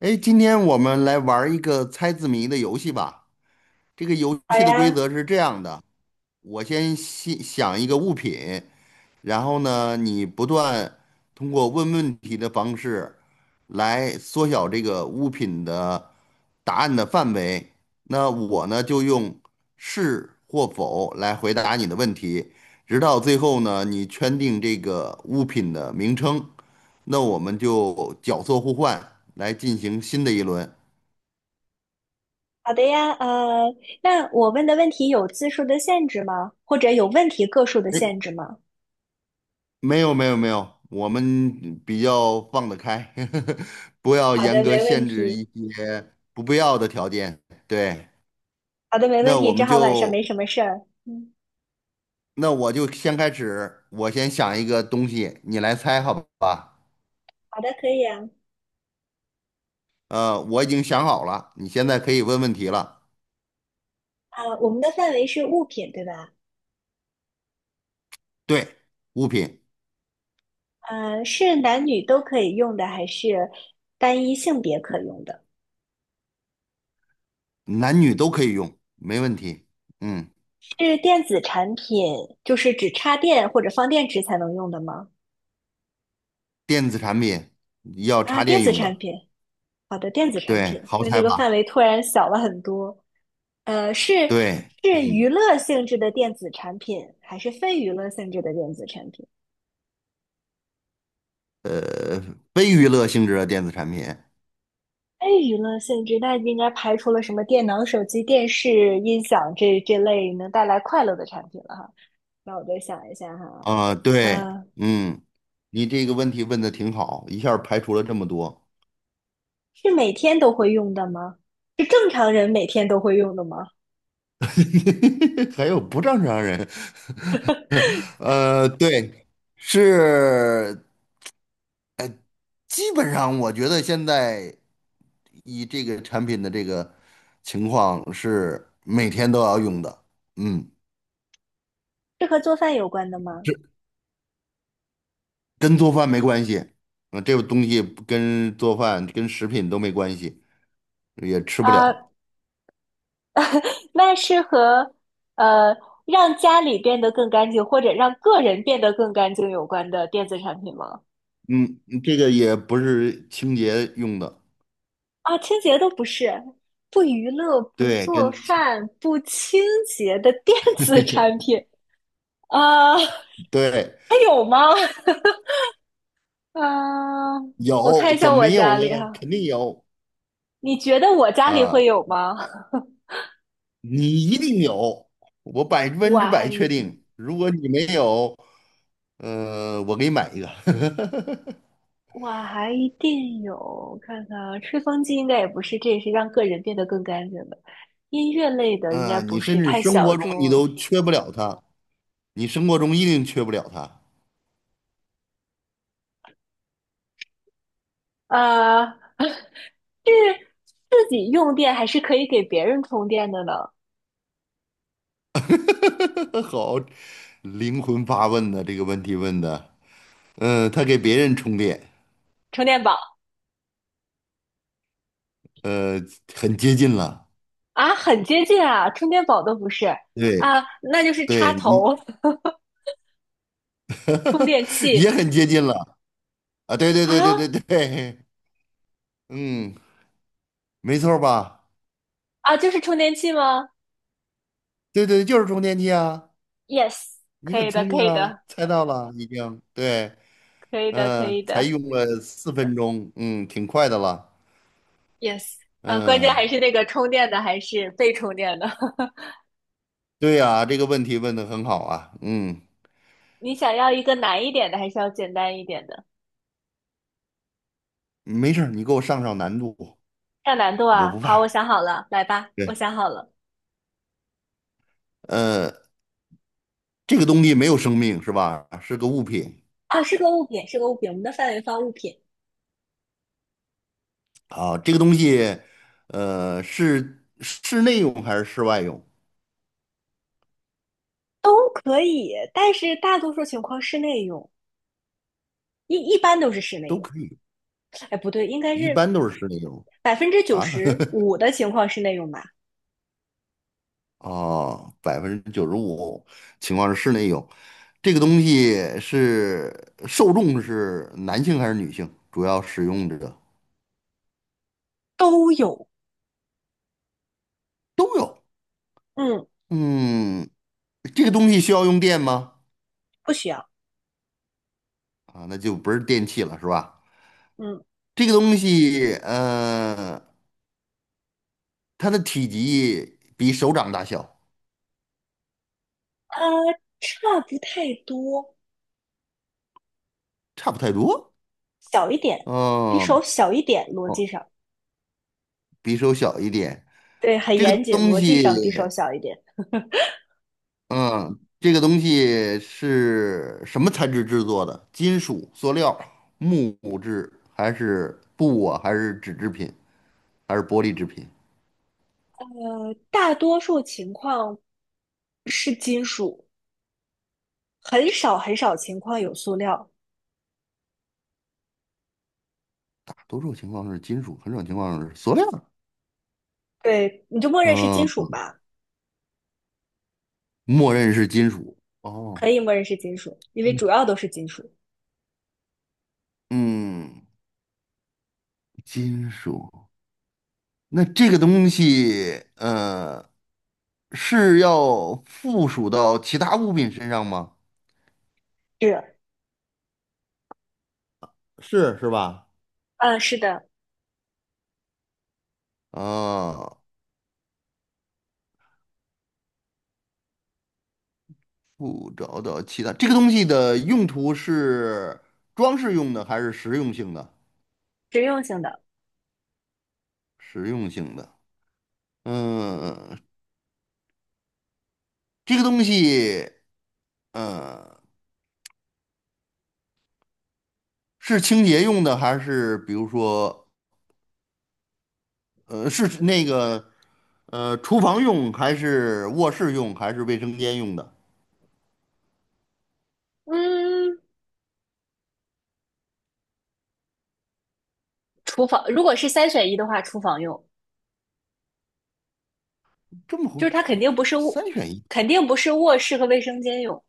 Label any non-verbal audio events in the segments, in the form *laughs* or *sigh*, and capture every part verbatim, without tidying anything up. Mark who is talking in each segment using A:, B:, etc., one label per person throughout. A: 哎，今天我们来玩儿一个猜字谜的游戏吧。这个游
B: 好
A: 戏的规
B: 呀，
A: 则是这样的，我先先想一个物品，然后呢，你不断通过问问题的方式来缩小这个物品的答案的范围。那我呢，就用是或否来回答你的问题，直到最后呢，你圈定这个物品的名称，那我们就角色互换来进行新的一轮。
B: 好的呀，呃，那我问的问题有字数的限制吗？或者有问题个数的限制吗？
A: 没有没有没有，我们比较放得开，*laughs* 不要
B: 好
A: 严
B: 的，
A: 格
B: 没问
A: 限制
B: 题。
A: 一些不必要的条件。对，
B: 好的，没问
A: 那
B: 题。
A: 我
B: 正
A: 们
B: 好晚上没
A: 就，
B: 什么事儿。嗯，
A: 那我就先开始，我先想一个东西，你来猜好吧？
B: 好的，可以啊。
A: 呃，我已经想好了，你现在可以问问题了。
B: 啊，我们的范围是物品，对吧？
A: 对，物品，
B: 呃，是男女都可以用的，还是单一性别可用的？
A: 男女都可以用，没问题。嗯，
B: 是电子产品，就是只插电或者放电池才能用的吗？
A: 电子产品要
B: 啊，
A: 插
B: 电
A: 电
B: 子
A: 用
B: 产
A: 的，
B: 品。好的，电子产
A: 对，
B: 品，
A: 好
B: 那这
A: 猜
B: 个范
A: 吧？
B: 围突然小了很多。呃，是
A: 对，
B: 是娱
A: 嗯，
B: 乐性质的电子产品，还是非娱乐性质的电子产品？
A: 呃，非娱乐性质的电子产品。
B: 非娱乐性质，那应该排除了什么电脑、手机、电视、音响这这类能带来快乐的产品了哈。那我再想一下哈，
A: 啊，对，
B: 嗯、
A: 嗯，你这个问题问的挺好，一下儿排除了这么多，
B: 是每天都会用的吗？是正常人每天都会用的吗？
A: *laughs* 还有不正常人，*laughs* 呃，对，是，呃，基本上我觉得现在以这个产品的这个情况是每天都要用的，嗯，
B: 是和做饭有关的吗？
A: 这跟做饭没关系，啊，这个东西不跟做饭跟食品都没关系，也吃不了，
B: 啊、那是和呃让家里变得更干净，或者让个人变得更干净有关的电子产品吗？
A: 嗯，这个也不是清洁用的。
B: 啊，清洁都不是，不娱乐、不
A: 对，
B: 做
A: 真
B: 饭、不清洁的电子产
A: *laughs*
B: 品啊，
A: 对，
B: 还有吗？*laughs* 啊，我看
A: 有
B: 一
A: 怎
B: 下
A: 么
B: 我
A: 没有
B: 家
A: 呢？
B: 里哈，
A: 肯定有
B: 你觉得我家里会
A: 啊，
B: 有吗？*laughs*
A: 你一定有，我百分之百
B: 晚一
A: 确
B: 点。
A: 定。如果你没有，呃，我给你买一个。*laughs*
B: 哇，还一定有，我看看啊，吹风机应该也不是，这也是让个人变得更干净的。音乐类的应该
A: 嗯、
B: 不
A: 你甚
B: 是，
A: 至
B: 太
A: 生
B: 小
A: 活中
B: 众
A: 你
B: 了。
A: 都缺不了它，你生活中一定缺不了它。
B: 啊。*laughs* 是自己用电还是可以给别人充电的呢？
A: *laughs* 好，灵魂发问的这个问题问的，嗯、他给别人充电，
B: 充电宝
A: 呃，很接近了。
B: 啊，很接近啊，充电宝都不是
A: 对，
B: 啊，那就是插
A: 对你
B: 头、*laughs* 充电
A: *laughs* 也
B: 器
A: 很接近了。啊，对对
B: 啊
A: 对对对对，嗯，没错儿吧？
B: 啊，就是充电器吗
A: 对对，就是充电器啊！
B: ？Yes，
A: 你
B: 可
A: 很
B: 以的，
A: 聪
B: 可
A: 明
B: 以
A: 啊，
B: 的，
A: 猜到了已经。对，
B: 可以的，可
A: 嗯、
B: 以
A: 才
B: 的。
A: 用了四分钟，嗯，挺快的了。
B: Yes，嗯，关键
A: 嗯、
B: 还是那个充电的还是被充电的。*laughs*
A: 对呀、这个问题问的很好啊。嗯，
B: 你想要一个难一点的，还是要简单一点的？
A: 没事儿，你给我上上难度，
B: 上难度
A: 我
B: 啊！
A: 不
B: 好，我
A: 怕。
B: 想好了，来吧，我
A: 对，
B: 想好了。
A: 呃，这个东西没有生命是吧？是个物品
B: 啊，是个物品，是个物品，我们的范围放物品
A: 啊。这个东西，呃，是室内用还是室外用
B: 都可以，但是大多数情况室内用，一一般都是室内
A: 都
B: 用。
A: 可以，
B: 哎，不对，应该
A: 一
B: 是
A: 般都是室内用。
B: 百分之九
A: 啊，*laughs*
B: 十五的情况室内用吧？
A: 哦，百分之九十五情况是室内有，这个东西是受众是男性还是女性？主要使用者
B: 都有，
A: 都有。
B: 嗯，
A: 嗯，这个东西需要用电吗？
B: 不需要，
A: 啊，那就不是电器了，是吧？
B: 嗯，
A: 这个东西，嗯，它的体积比手掌大小，
B: 呃，差不太多，
A: 差不太多。
B: 小一点，比手
A: 嗯，
B: 小一点，逻
A: 哦，
B: 辑上。
A: 比手小一点。
B: 对，很
A: 这个
B: 严谨，
A: 东
B: 逻辑
A: 西。
B: 上匕首小一点。
A: 嗯，这个东西是什么材质制作的？金属、塑料、木质，还是布啊？还是纸制品？还是玻璃制品？
B: 呃，大多数情况是金属，很少很少情况有塑料。
A: 多数情况是金属，很少情况是塑料。
B: 对，你就默认是金
A: 嗯，
B: 属吧，
A: 默认是金属。
B: 可
A: 哦，
B: 以默认是金属，因为主要都是金属。
A: 嗯，金属。那这个东西，呃，是要附属到其他物品身上吗？
B: 是，
A: 是是吧？
B: 嗯，是的，
A: 啊、不找到其他，这个东西的用途是装饰用的还是实用性的？
B: 实用性的。
A: 实用性的，嗯，这个东西，嗯，是清洁用的还是比如说，呃，是那个，呃，厨房用还是卧室用还是卫生间用的？
B: 嗯，厨房，如果是三选一的话，厨房用，
A: 这么
B: 就
A: 红，
B: 是它肯定不是卧，
A: 三选一，
B: 肯定不是卧室和卫生间用，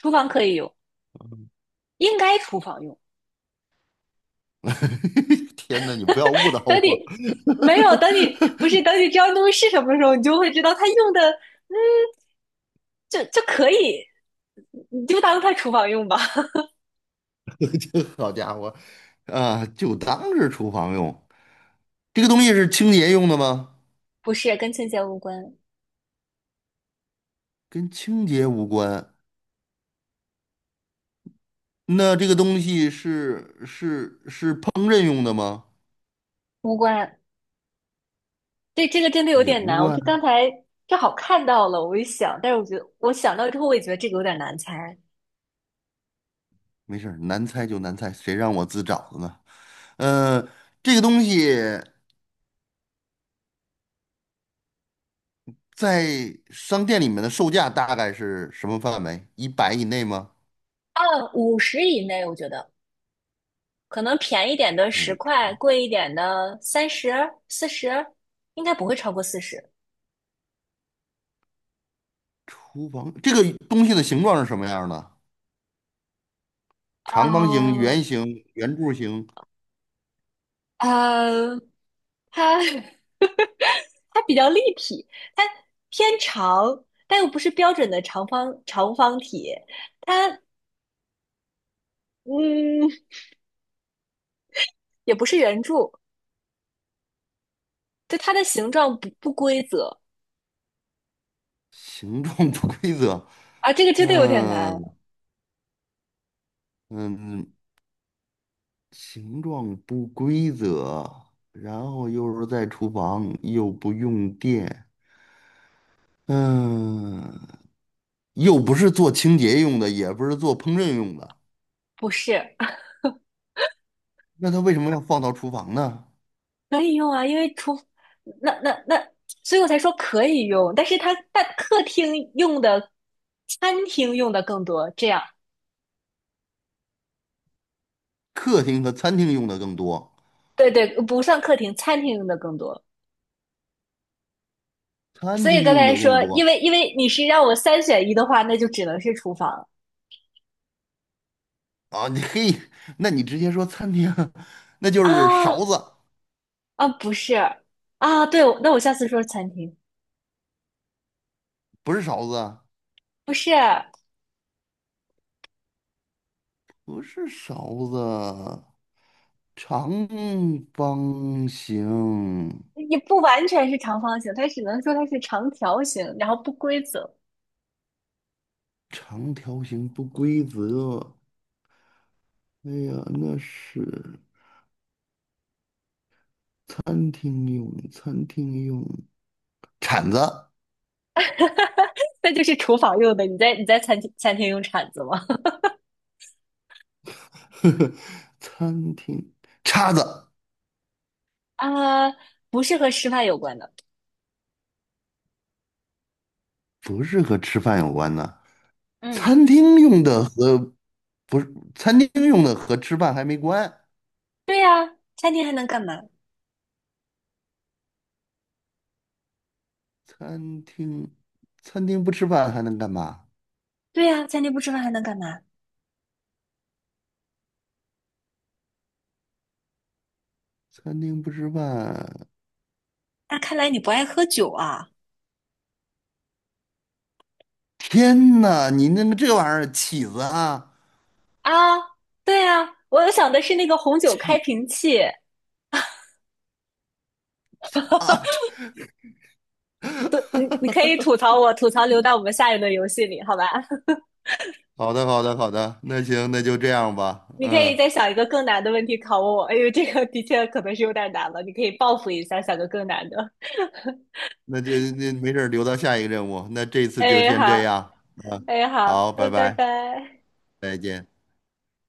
B: 厨房可以用，应该厨房用。
A: *laughs* 天哪，你不要误导
B: 等
A: 我，
B: 你没有，等你
A: *laughs*
B: 不是等你知道东西是什么时候，你就会知道它用的，嗯，就就可以，你就当它厨房用吧。*laughs*
A: 好家伙，啊，就当是厨房用。这个东西是清洁用的吗？
B: 不是跟清洁无关，
A: 跟清洁无关。那这个东西是是是烹饪用的吗？
B: 无关。对，这个真的有
A: 也
B: 点
A: 无
B: 难。我
A: 关，
B: 是刚才正好看到了，我一想，但是我觉得我想到之后，我也觉得这个有点难猜。
A: 没事儿，难猜就难猜，谁让我自找的呢？嗯，这个东西在商店里面的售价大概是什么范围？一百以内吗？
B: 啊。五十以内，我觉得可能便宜点的十
A: 不，
B: 块，贵一点的三十、四十，应该不会超过四十。
A: 厨房这个东西的形状是什么样的？长方形、
B: 嗯，
A: 圆形、圆柱形，
B: 呃，它 *laughs* 它比较立体，它偏长，但又不是标准的长方长方体，它嗯也不是圆柱，就它的形状不不规则
A: 形状不规则。
B: 啊，这个真的有点难，
A: 嗯嗯，形状不规则，然后又是在厨房，又不用电，嗯，又不是做清洁用的，也不是做烹饪用的，
B: 不是
A: 那它为什么要放到厨房呢？
B: 可以用啊，因为厨那那那，所以我才说可以用，但是它但客厅用的、餐厅用的更多，这样
A: 客厅和餐厅用的更多，
B: 对对，不算客厅，餐厅用的更多。
A: 餐
B: 所以
A: 厅
B: 刚
A: 用
B: 才
A: 的更
B: 说，因
A: 多
B: 为因为你是让我三选一的话，那就只能是厨房
A: 啊！你嘿，那你直接说餐厅，*laughs* 那就是
B: 啊。
A: 勺子，
B: 啊，不是啊，对，那我下次说餐厅，
A: 不是勺子啊
B: 不是，
A: 不是勺子，长方形。
B: 也不完全是长方形，它只能说它是长条形，然后不规则。
A: 长条形不规则，哎呀，那是餐厅用，餐厅用，铲子、
B: *laughs* 那就是厨房用的，你在你在餐厅餐厅用铲子吗？
A: *laughs* 餐厅叉子
B: *laughs* 啊，不是和吃饭有关的。
A: 不是和吃饭有关的。
B: 嗯，
A: 餐厅用的和餐厅用的和吃饭还没关。
B: 对呀，餐厅还能干嘛？
A: 餐厅餐厅不吃饭还能干嘛？
B: 对呀，餐厅不吃饭还能干嘛？
A: 餐厅不吃饭，
B: 那看来你不爱喝酒啊。
A: 天呐，你那个这玩意儿起子啊，
B: 啊，对呀，我想的是那个红酒开
A: 起
B: 瓶器。
A: 啊！*laughs*
B: *laughs* 你可以吐槽我，吐槽留到我们下一轮游戏里，好吧？
A: 这好的，好的，好的，那行，那就这样吧。
B: 你可以
A: 嗯，
B: 再想一个更难的问题考我，哎呦，这个的确可能是有点难了，你可以报复一下，想个更难的。
A: 那就那没事儿，留到下一个任务。那这次就
B: 哎，
A: 先这
B: 好，
A: 样，
B: 哎，好，
A: 好，拜
B: 嗯，拜
A: 拜，
B: 拜。
A: 再见。